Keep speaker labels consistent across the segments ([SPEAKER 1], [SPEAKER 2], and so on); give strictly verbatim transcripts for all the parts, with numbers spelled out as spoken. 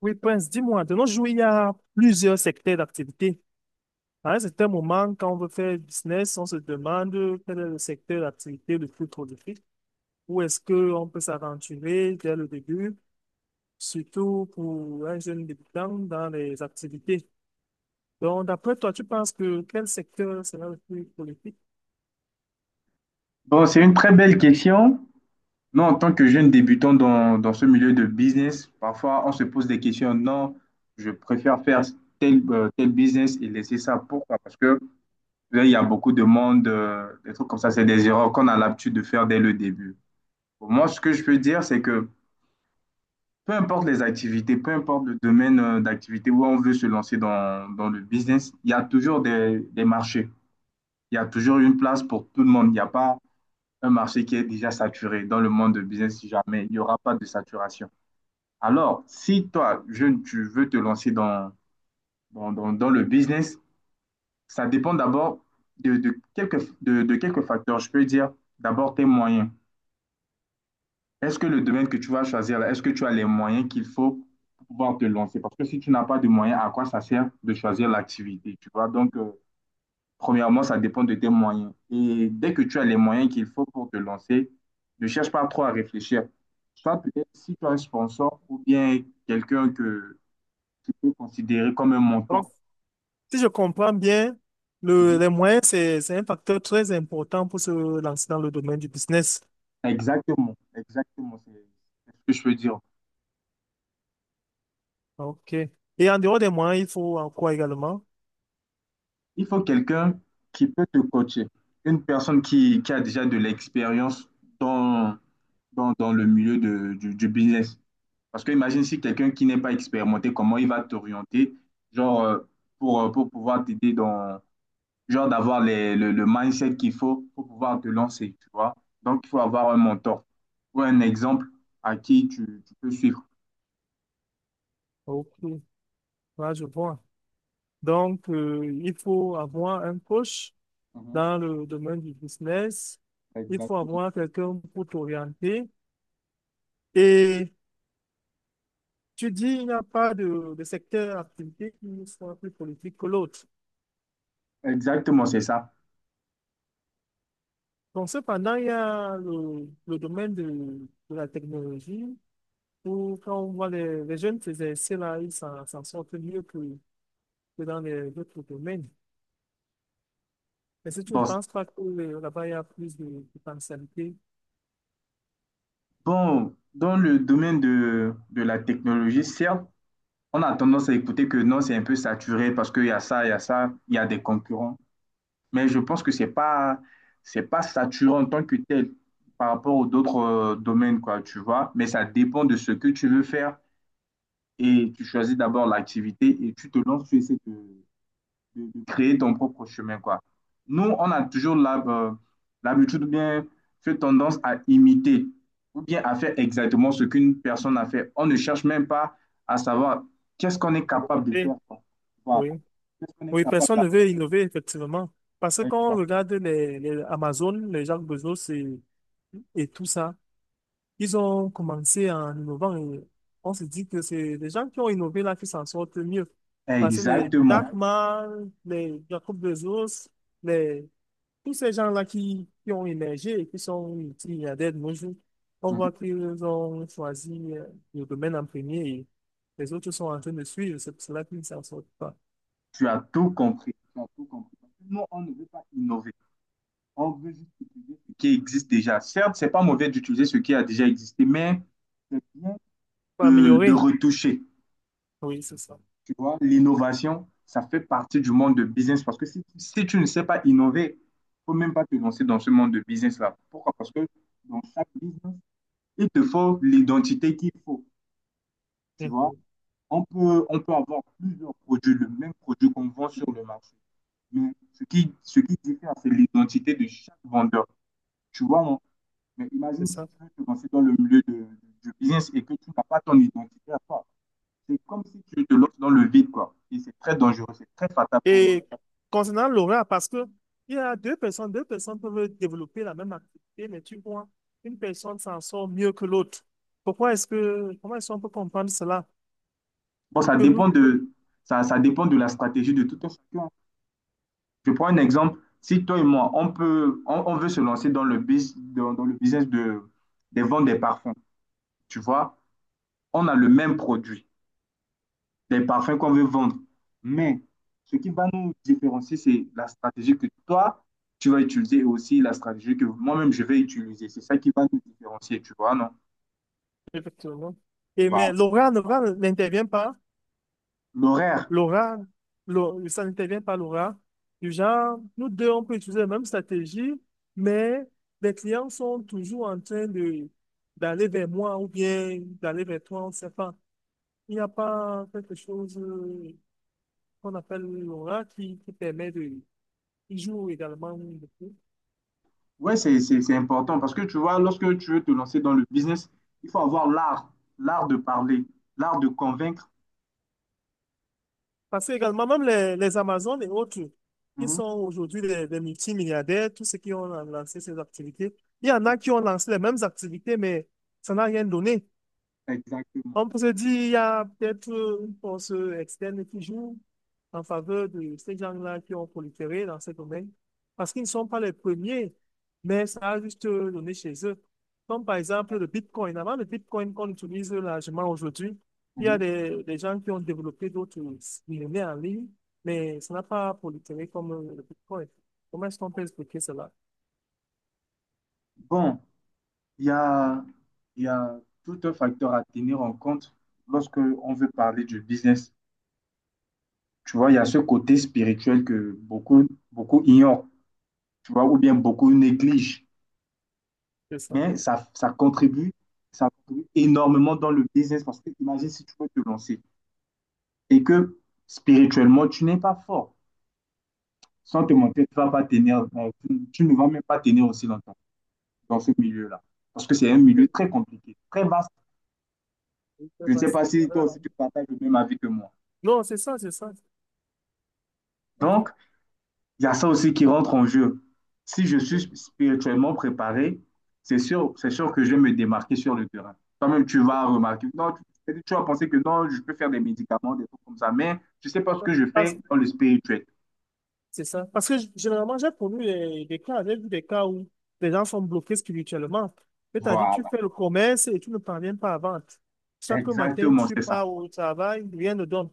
[SPEAKER 1] Oui, Prince, dis-moi, de nos jours, il y a plusieurs secteurs d'activité. À un certain moment, quand on veut faire business, on se demande quel est le secteur d'activité le plus prolifique, où est-ce qu'on peut s'aventurer dès le début, surtout pour un jeune débutant dans les activités. Donc, d'après toi, tu penses que quel secteur sera le plus prolifique?
[SPEAKER 2] Bon, c'est une très belle question. Nous, en tant que jeunes débutants dans, dans ce milieu de business, parfois on se pose des questions. Non, je préfère faire tel, euh, tel business et laisser ça. Pourquoi? Parce que là, il y a beaucoup de monde, euh, des trucs comme ça, c'est des erreurs qu'on a l'habitude de faire dès le début. Pour moi, ce que je peux dire, c'est que peu importe les activités, peu importe le domaine euh, d'activité où on veut se lancer dans, dans le business, il y a toujours des, des marchés. Il y a toujours une place pour tout le monde. Il n'y a pas un marché qui est déjà saturé. Dans le monde de business, si jamais, il n'y aura pas de saturation. Alors, si toi, jeune, tu veux te lancer dans, dans, dans, dans le business, ça dépend d'abord de, de, quelques, de, de quelques facteurs. Je peux dire d'abord tes moyens. Est-ce que le domaine que tu vas choisir, est-ce que tu as les moyens qu'il faut pour pouvoir te lancer? Parce que si tu n'as pas de moyens, à quoi ça sert de choisir l'activité, tu vois? Donc, euh, Premièrement, ça dépend de tes moyens. Et dès que tu as les moyens qu'il faut pour te lancer, ne cherche pas trop à réfléchir. Soit peut-être si tu as un sponsor ou bien quelqu'un que tu peux considérer comme un
[SPEAKER 1] Donc,
[SPEAKER 2] mentor.
[SPEAKER 1] si je comprends bien, le,
[SPEAKER 2] Mhm.
[SPEAKER 1] les moyens, c'est, c'est un facteur très important pour se lancer dans le domaine du business.
[SPEAKER 2] Exactement, exactement, c'est c'est ce que je veux dire.
[SPEAKER 1] Ok. Et en dehors des moyens, il faut en quoi également?
[SPEAKER 2] Il faut quelqu'un qui peut te coacher, une personne qui, qui a déjà de l'expérience dans, dans, dans le milieu de- du, du business. Parce que imagine si quelqu'un qui n'est pas expérimenté, comment il va t'orienter, genre, euh, pour, euh, pour pouvoir t'aider dans, genre, d'avoir les- le, le mindset qu'il faut pour pouvoir te lancer, tu vois. Donc, il faut avoir un mentor ou un exemple à qui tu, tu peux suivre.
[SPEAKER 1] Ok. Là, je vois. Donc, euh, il faut avoir un coach
[SPEAKER 2] Mhm.
[SPEAKER 1] dans le domaine du business. Il faut
[SPEAKER 2] Exactement.
[SPEAKER 1] avoir quelqu'un pour t'orienter. Et tu dis, il n'y a pas de, de secteur d'activité qui soit plus politique que l'autre.
[SPEAKER 2] Exactement, c'est ça.
[SPEAKER 1] Donc, cependant, il y a le, le domaine de, de la technologie où, quand on voit les, les jeunes s'exercer là, ils s'en s'en sortent mieux que, que dans les autres domaines. Mais si tu ne
[SPEAKER 2] Bon, c-
[SPEAKER 1] penses pas que euh, là-bas, il y a plus de de potentialité
[SPEAKER 2] bon, dans le domaine de, de la technologie, certes, on a tendance à écouter que non, c'est un peu saturé parce qu'il y a ça, il y a ça, il y a des concurrents, mais je pense que c'est pas, c'est pas saturant en tant que tel par rapport aux d'autres euh, domaines, quoi, tu vois. Mais ça dépend de ce que tu veux faire et tu choisis d'abord l'activité et tu te lances, tu essaies de, de- de créer ton propre chemin, quoi. Nous, on a toujours l'hab- euh, l'habitude ou bien fait tendance à imiter ou bien à faire exactement ce qu'une personne a fait. On ne cherche même pas à savoir qu'est-ce qu'on est
[SPEAKER 1] à
[SPEAKER 2] capable de
[SPEAKER 1] développer,
[SPEAKER 2] faire, quoi. Voilà.
[SPEAKER 1] oui.
[SPEAKER 2] Qu'est-ce qu'on est
[SPEAKER 1] Oui,
[SPEAKER 2] capable
[SPEAKER 1] personne ne
[SPEAKER 2] d'apprendre.
[SPEAKER 1] veut innover, effectivement. Parce que quand on regarde les, les Amazon, les Jacques Bezos et, et tout ça, ils ont commencé en innovant et on se dit que c'est les gens qui ont innové là qui s'en sortent mieux. Parce que les
[SPEAKER 2] Exactement.
[SPEAKER 1] Jack Ma, les Jacob Bezos, les, tous ces gens-là qui, qui ont émergé et qui sont multimilliardaires de nos jours, on voit qu'ils ont choisi euh, le domaine en premier et les autres sont en train de suivre. C'est pour cela qu'ils ne s'en sortent pas.
[SPEAKER 2] Tu as tout compris. Tu as tout compris. Non, on ne veut pas innover. On veut juste utiliser ce qui existe déjà. Certes, c'est pas mauvais d'utiliser ce qui a déjà existé, mais c'est bien
[SPEAKER 1] Pour
[SPEAKER 2] de, de
[SPEAKER 1] améliorer,
[SPEAKER 2] retoucher.
[SPEAKER 1] oui, c'est ça.
[SPEAKER 2] Tu vois, l'innovation, ça fait partie du monde de business parce que si, si tu ne sais pas innover, il ne faut même pas te lancer dans ce monde de business-là. Pourquoi? Parce que dans chaque business, il te faut l'identité qu'il faut. Tu vois,
[SPEAKER 1] Mhm,
[SPEAKER 2] on peut, on peut avoir plusieurs produits, le même produit qu'on vend sur le marché. Mais ce qui, ce qui diffère, c'est l'identité de chaque vendeur. Tu vois, on- mais imagine
[SPEAKER 1] c'est
[SPEAKER 2] si
[SPEAKER 1] ça.
[SPEAKER 2] tu veux te lancer dans le milieu de- du business et que tu n'as pas ton identité à toi. C'est comme si tu te lances dans le vide, quoi. Et c'est très dangereux, c'est très fatal pour nous.
[SPEAKER 1] Et concernant l'aura, parce que il y a deux personnes, deux personnes peuvent développer la même activité, mais tu vois, une personne s'en sort mieux que l'autre. Pourquoi est-ce que, comment est-ce qu'on peut comprendre cela?
[SPEAKER 2] Bon, ça
[SPEAKER 1] Que nous
[SPEAKER 2] dépend
[SPEAKER 1] deux,
[SPEAKER 2] de, ça, ça dépend de la stratégie de tout un chacun. Je prends un exemple. Si toi et moi, on peut, on, on veut se lancer dans le, bus- dans, dans le business de, des ventes des parfums, tu vois, on a le même produit des parfums qu'on veut vendre. Mais ce qui va nous différencier, c'est la stratégie que toi, tu vas utiliser et aussi la stratégie que moi-même, je vais utiliser. C'est ça qui va nous différencier, tu vois, non?
[SPEAKER 1] effectivement. Et
[SPEAKER 2] Voilà.
[SPEAKER 1] mais l'aura, l'aura n'intervient pas.
[SPEAKER 2] L'horaire,
[SPEAKER 1] L'aura, l'au- ça n'intervient pas l'aura. Du genre, nous deux, on peut utiliser la même stratégie, mais les clients sont toujours en train de d'aller vers moi ou bien d'aller vers toi, on ne sait pas. Il n'y a pas quelque chose euh, qu'on appelle l'aura, qui, qui permet de... Ils jouent également beaucoup.
[SPEAKER 2] ouais, c'est, c'est, c'est important parce que tu vois, lorsque tu veux te lancer dans le business, il faut avoir l'art, l'art de parler, l'art de convaincre.
[SPEAKER 1] Parce que également, même les, les Amazones et autres, qui
[SPEAKER 2] Mhm.
[SPEAKER 1] sont aujourd'hui des, des multimilliardaires, tous ceux qui ont lancé ces activités, il y en a qui ont lancé les mêmes activités, mais ça n'a rien donné.
[SPEAKER 2] Exactement.
[SPEAKER 1] On peut se dire, il y a peut-être une force externe qui joue en faveur de ces gens-là qui ont proliféré dans ce domaine, parce qu'ils ne sont pas les premiers, mais ça a juste donné chez eux. Comme par exemple le Bitcoin. Avant le Bitcoin qu'on utilise largement aujourd'hui, il y a
[SPEAKER 2] Mhm.
[SPEAKER 1] des, des gens qui ont développé d'autres monnaies en ligne, mais ça n'a pas proliféré comme le Bitcoin. Comment est-ce qu'on peut expliquer cela?
[SPEAKER 2] Bon, il y a, il y a tout un facteur à tenir en compte lorsque on veut parler du business. Tu vois, il y a ce côté spirituel que beaucoup, beaucoup ignorent, tu vois, ou bien beaucoup négligent.
[SPEAKER 1] C'est ça.
[SPEAKER 2] Mais ça, ça contribue, ça contribue énormément dans le business parce que imagine si tu veux te lancer et que spirituellement, tu n'es pas fort. Sans te mentir, tu vas pas tenir, euh, tu, tu ne vas même pas tenir aussi longtemps dans ce milieu-là. Parce que c'est un milieu très compliqué, très vaste. Je ne sais pas si toi aussi tu partages le même avis que moi.
[SPEAKER 1] Non, c'est ça, c'est ça.
[SPEAKER 2] Donc, il y a ça aussi qui rentre en jeu. Si je
[SPEAKER 1] C'est
[SPEAKER 2] suis spirituellement préparé, c'est sûr, c'est sûr que je vais me démarquer sur le terrain. Toi-même, tu vas remarquer. Non, tu, tu vas penser que non, je peux faire des médicaments, des trucs comme ça, mais je ne sais pas ce
[SPEAKER 1] ça.
[SPEAKER 2] que je fais
[SPEAKER 1] Parce-
[SPEAKER 2] dans le spirituel.
[SPEAKER 1] C'est ça. Parce que g- généralement, j'ai connu des, des cas, j'ai vu des cas où les gens sont bloqués spirituellement. C'est-à-dire,
[SPEAKER 2] Voilà,
[SPEAKER 1] tu fais le commerce et tu ne parviens pas à vendre. Chaque matin,
[SPEAKER 2] exactement,
[SPEAKER 1] tu
[SPEAKER 2] c'est ça.
[SPEAKER 1] pars au travail, rien ne donne.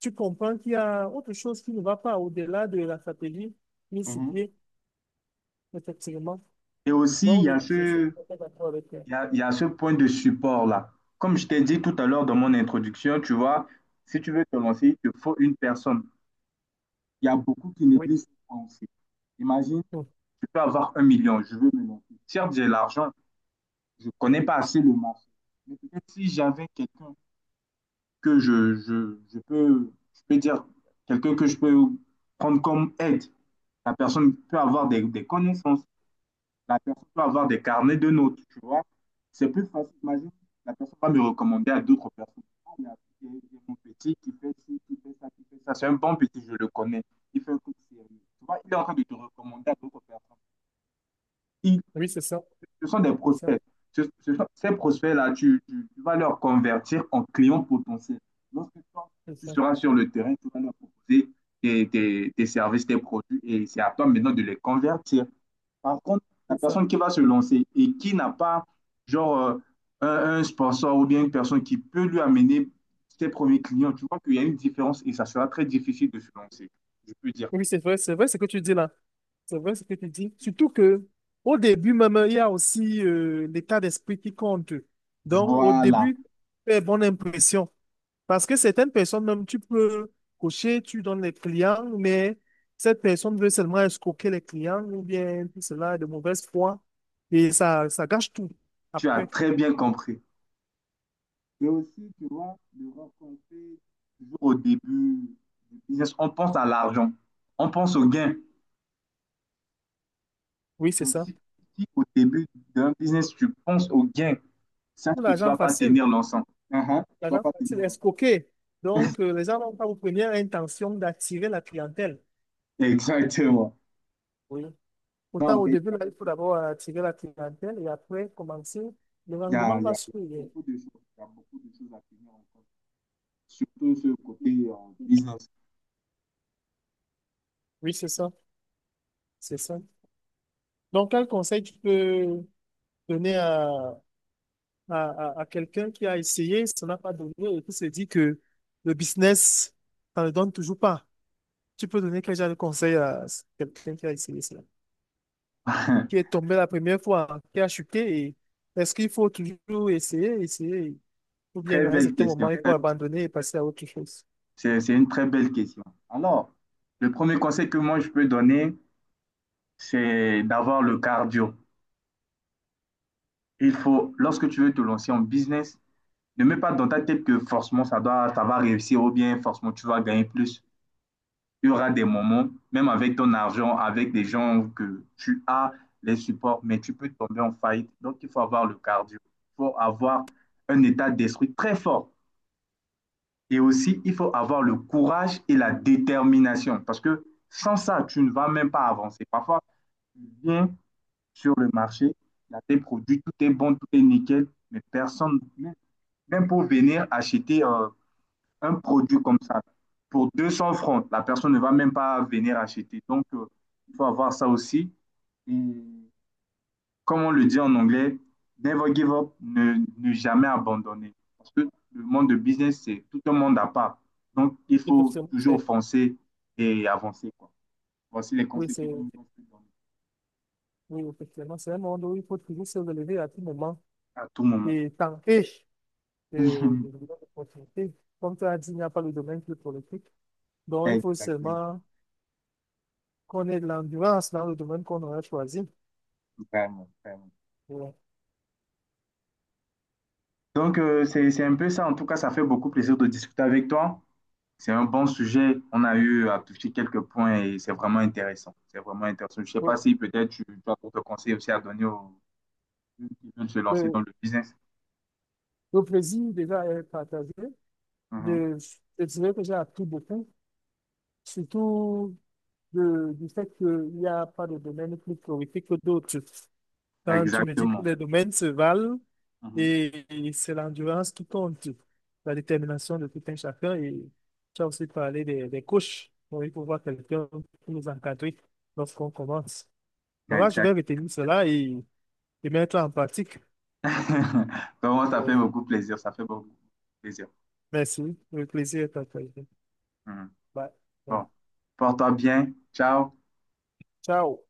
[SPEAKER 1] Tu comprends qu'il y a autre chose qui ne va pas au-delà de la stratégie mise sur
[SPEAKER 2] Mhm.
[SPEAKER 1] pied, effectivement.
[SPEAKER 2] Et aussi, il
[SPEAKER 1] Donc,
[SPEAKER 2] y a
[SPEAKER 1] je je suis
[SPEAKER 2] ce,
[SPEAKER 1] tout à fait d'accord avec toi.
[SPEAKER 2] il y a, il y a ce point de support-là. Comme je t'ai dit tout à l'heure dans mon introduction, tu vois, si tu veux te lancer, il te faut une personne. Il y a beaucoup qui
[SPEAKER 1] Oui,
[SPEAKER 2] négligent ça aussi. Imagine,
[SPEAKER 1] oui,
[SPEAKER 2] je peux avoir un million, je veux me lancer. Certes, j'ai l'argent, je ne connais pas assez le marché. Mais peut-être si j'avais quelqu'un que je, je, je peux, je peux dire, quelqu'un que je peux prendre comme aide, la personne peut avoir des, des connaissances, la personne peut avoir des carnets de notes, tu vois. C'est plus facile, imagine, la personne va me recommander à d'autres personnes. Ah, il a- il y a- il y a mon petit qui fait ci, qui fait ça, qui fait ça. C'est un bon petit, je le connais. Il fait un truc sérieux. Tu vois, il est en train de te recommander à d'autres personnes. Il
[SPEAKER 1] oui, c'est ça,
[SPEAKER 2] Ce sont des
[SPEAKER 1] c'est ça,
[SPEAKER 2] prospects. Ce- ce sont- ces prospects-là, tu, tu- tu vas leur convertir en clients potentiels. Lorsque toi,
[SPEAKER 1] c'est
[SPEAKER 2] tu
[SPEAKER 1] ça,
[SPEAKER 2] seras sur le terrain, tu vas leur proposer tes, tes- tes services, tes produits, et c'est à toi maintenant de les convertir. Par contre, la
[SPEAKER 1] c'est ça.
[SPEAKER 2] personne qui va se lancer et qui n'a pas, genre, euh, un, un sponsor ou bien une personne qui peut lui amener ses premiers clients, tu vois qu'il y a une différence et ça sera très difficile de se lancer. Je peux dire,
[SPEAKER 1] Oui, c'est vrai, c'est vrai ce que tu dis là. C'est vrai ce que tu dis. Surtout que au début même, il y a aussi euh, l'état d'esprit qui compte. Donc, au
[SPEAKER 2] voilà,
[SPEAKER 1] début, fais bonne impression. Parce que certaines personnes, même tu peux cocher, tu donnes les clients, mais cette personne veut seulement escroquer les clients ou bien tout cela est de mauvaise foi. Et ça, ça gâche tout
[SPEAKER 2] tu as
[SPEAKER 1] après.
[SPEAKER 2] très bien compris. Mais aussi, tu vois, de rencontrer toujours au début du business, on pense à l'argent, on pense au gain.
[SPEAKER 1] Oui, c'est
[SPEAKER 2] Mais
[SPEAKER 1] ça.
[SPEAKER 2] si, si au début d'un business, tu penses au gain, sache
[SPEAKER 1] Ou
[SPEAKER 2] que tu ne
[SPEAKER 1] l'argent
[SPEAKER 2] vas pas
[SPEAKER 1] facile,
[SPEAKER 2] tenir l'ensemble. Mhm. Tu ne vas
[SPEAKER 1] l'argent
[SPEAKER 2] pas tenir,
[SPEAKER 1] facile,
[SPEAKER 2] hein.
[SPEAKER 1] escroquer. Donc, euh, les gens n'ont pas aux premières intentions d'attirer la clientèle.
[SPEAKER 2] Exactement.
[SPEAKER 1] Oui.
[SPEAKER 2] Non,
[SPEAKER 1] Autant
[SPEAKER 2] en
[SPEAKER 1] au
[SPEAKER 2] fait,
[SPEAKER 1] début, là, il faut d'abord attirer la clientèle et après commencer, le
[SPEAKER 2] il y a,
[SPEAKER 1] rendement
[SPEAKER 2] il y
[SPEAKER 1] va
[SPEAKER 2] a- il y a
[SPEAKER 1] suivre.
[SPEAKER 2] beaucoup de choses. Il y a beaucoup de choses à tenir en compte. Surtout ce côté euh, business.
[SPEAKER 1] Oui, c'est ça. C'est ça. Donc, quel conseil tu peux donner à à, à, à quelqu'un qui a essayé, ça n'a pas donné et qui se dit que le business, ça ne donne toujours pas. Tu peux donner quel genre de conseil à quelqu'un qui a essayé cela, qui est tombé la première fois, qui a chuté et est-ce qu'il faut toujours essayer, essayer, ou bien
[SPEAKER 2] Très
[SPEAKER 1] à un
[SPEAKER 2] belle
[SPEAKER 1] certain
[SPEAKER 2] question.
[SPEAKER 1] moment, il faut
[SPEAKER 2] Très-
[SPEAKER 1] abandonner et passer à autre chose?
[SPEAKER 2] C'est c'est une très belle question. Alors, le premier conseil que moi je peux donner, c'est d'avoir le cardio. Il faut, lorsque tu veux te lancer en business, ne mets pas dans ta tête que forcément ça, doit, ça va réussir ou bien forcément tu vas gagner plus. Il y aura des moments, même avec ton argent, avec des gens que tu as, les supports, mais tu peux tomber en faillite. Donc, il faut avoir le cardio. Il faut avoir un état d'esprit très fort. Et aussi, il faut avoir le courage et la détermination. Parce que sans ça, tu ne vas même pas avancer. Parfois, tu viens sur le marché. Il y a des produits, tout est bon, tout est nickel, mais personne, même pour venir acheter euh, un produit comme ça, pour deux cents francs, la personne ne va même pas venir acheter. Donc, euh, il faut avoir ça aussi. Et comme on le dit en anglais, never give up, ne, ne jamais abandonner. Parce que le monde de business, c'est tout un monde à part. Donc, il faut
[SPEAKER 1] Effectivement,
[SPEAKER 2] toujours
[SPEAKER 1] c'est,
[SPEAKER 2] foncer et avancer. Quoi. Voici les
[SPEAKER 1] oui,
[SPEAKER 2] conseils que
[SPEAKER 1] c'est,
[SPEAKER 2] vous nous donner
[SPEAKER 1] oui, effectivement, c'est un monde où il faut toujours se relever à tout moment
[SPEAKER 2] à tout moment.
[SPEAKER 1] et tenter de, de, nouvelles opportunités. Comme tu as dit, il n'y a pas le domaine qui est politique. Donc, il faut
[SPEAKER 2] Exactement.
[SPEAKER 1] seulement qu'on ait de l'endurance dans le domaine qu'on aurait choisi.
[SPEAKER 2] Vraiment, vraiment.
[SPEAKER 1] Voilà.
[SPEAKER 2] Donc, euh, c'est, c'est un peu ça. En tout cas, ça fait beaucoup plaisir de discuter avec toi. C'est un bon sujet. On a eu à toucher quelques points et c'est vraiment intéressant. C'est vraiment intéressant. Je ne sais
[SPEAKER 1] Ouais.
[SPEAKER 2] pas si peut-être tu, tu as d'autres conseils aussi à donner aux gens qui veulent se lancer dans
[SPEAKER 1] Le,
[SPEAKER 2] le business.
[SPEAKER 1] le plaisir déjà est partagé.
[SPEAKER 2] Mhm.
[SPEAKER 1] Je, je dirais que j'ai appris beaucoup, surtout de- du fait qu'il n'y a pas de domaine plus prolifique que d'autres. Quand tu me dis que
[SPEAKER 2] Exactement.
[SPEAKER 1] les domaines se valent
[SPEAKER 2] Mhm.
[SPEAKER 1] et, et c'est l'endurance qui compte, la détermination de tout un chacun. Et tu as aussi parlé des, des coachs. Donc, il faut voir quelqu'un pour nous encadrer lorsqu'on commence. Bon, là je
[SPEAKER 2] Exact.
[SPEAKER 1] vais retenir cela et, et mettre en pratique.
[SPEAKER 2] Vraiment, ça fait
[SPEAKER 1] Oui.
[SPEAKER 2] beaucoup plaisir. Ça fait beaucoup plaisir.
[SPEAKER 1] Merci. Le plaisir est partagé.
[SPEAKER 2] Mhm.
[SPEAKER 1] Bye. Bye.
[SPEAKER 2] Bon, porte-toi bien. Ciao.
[SPEAKER 1] Tchau.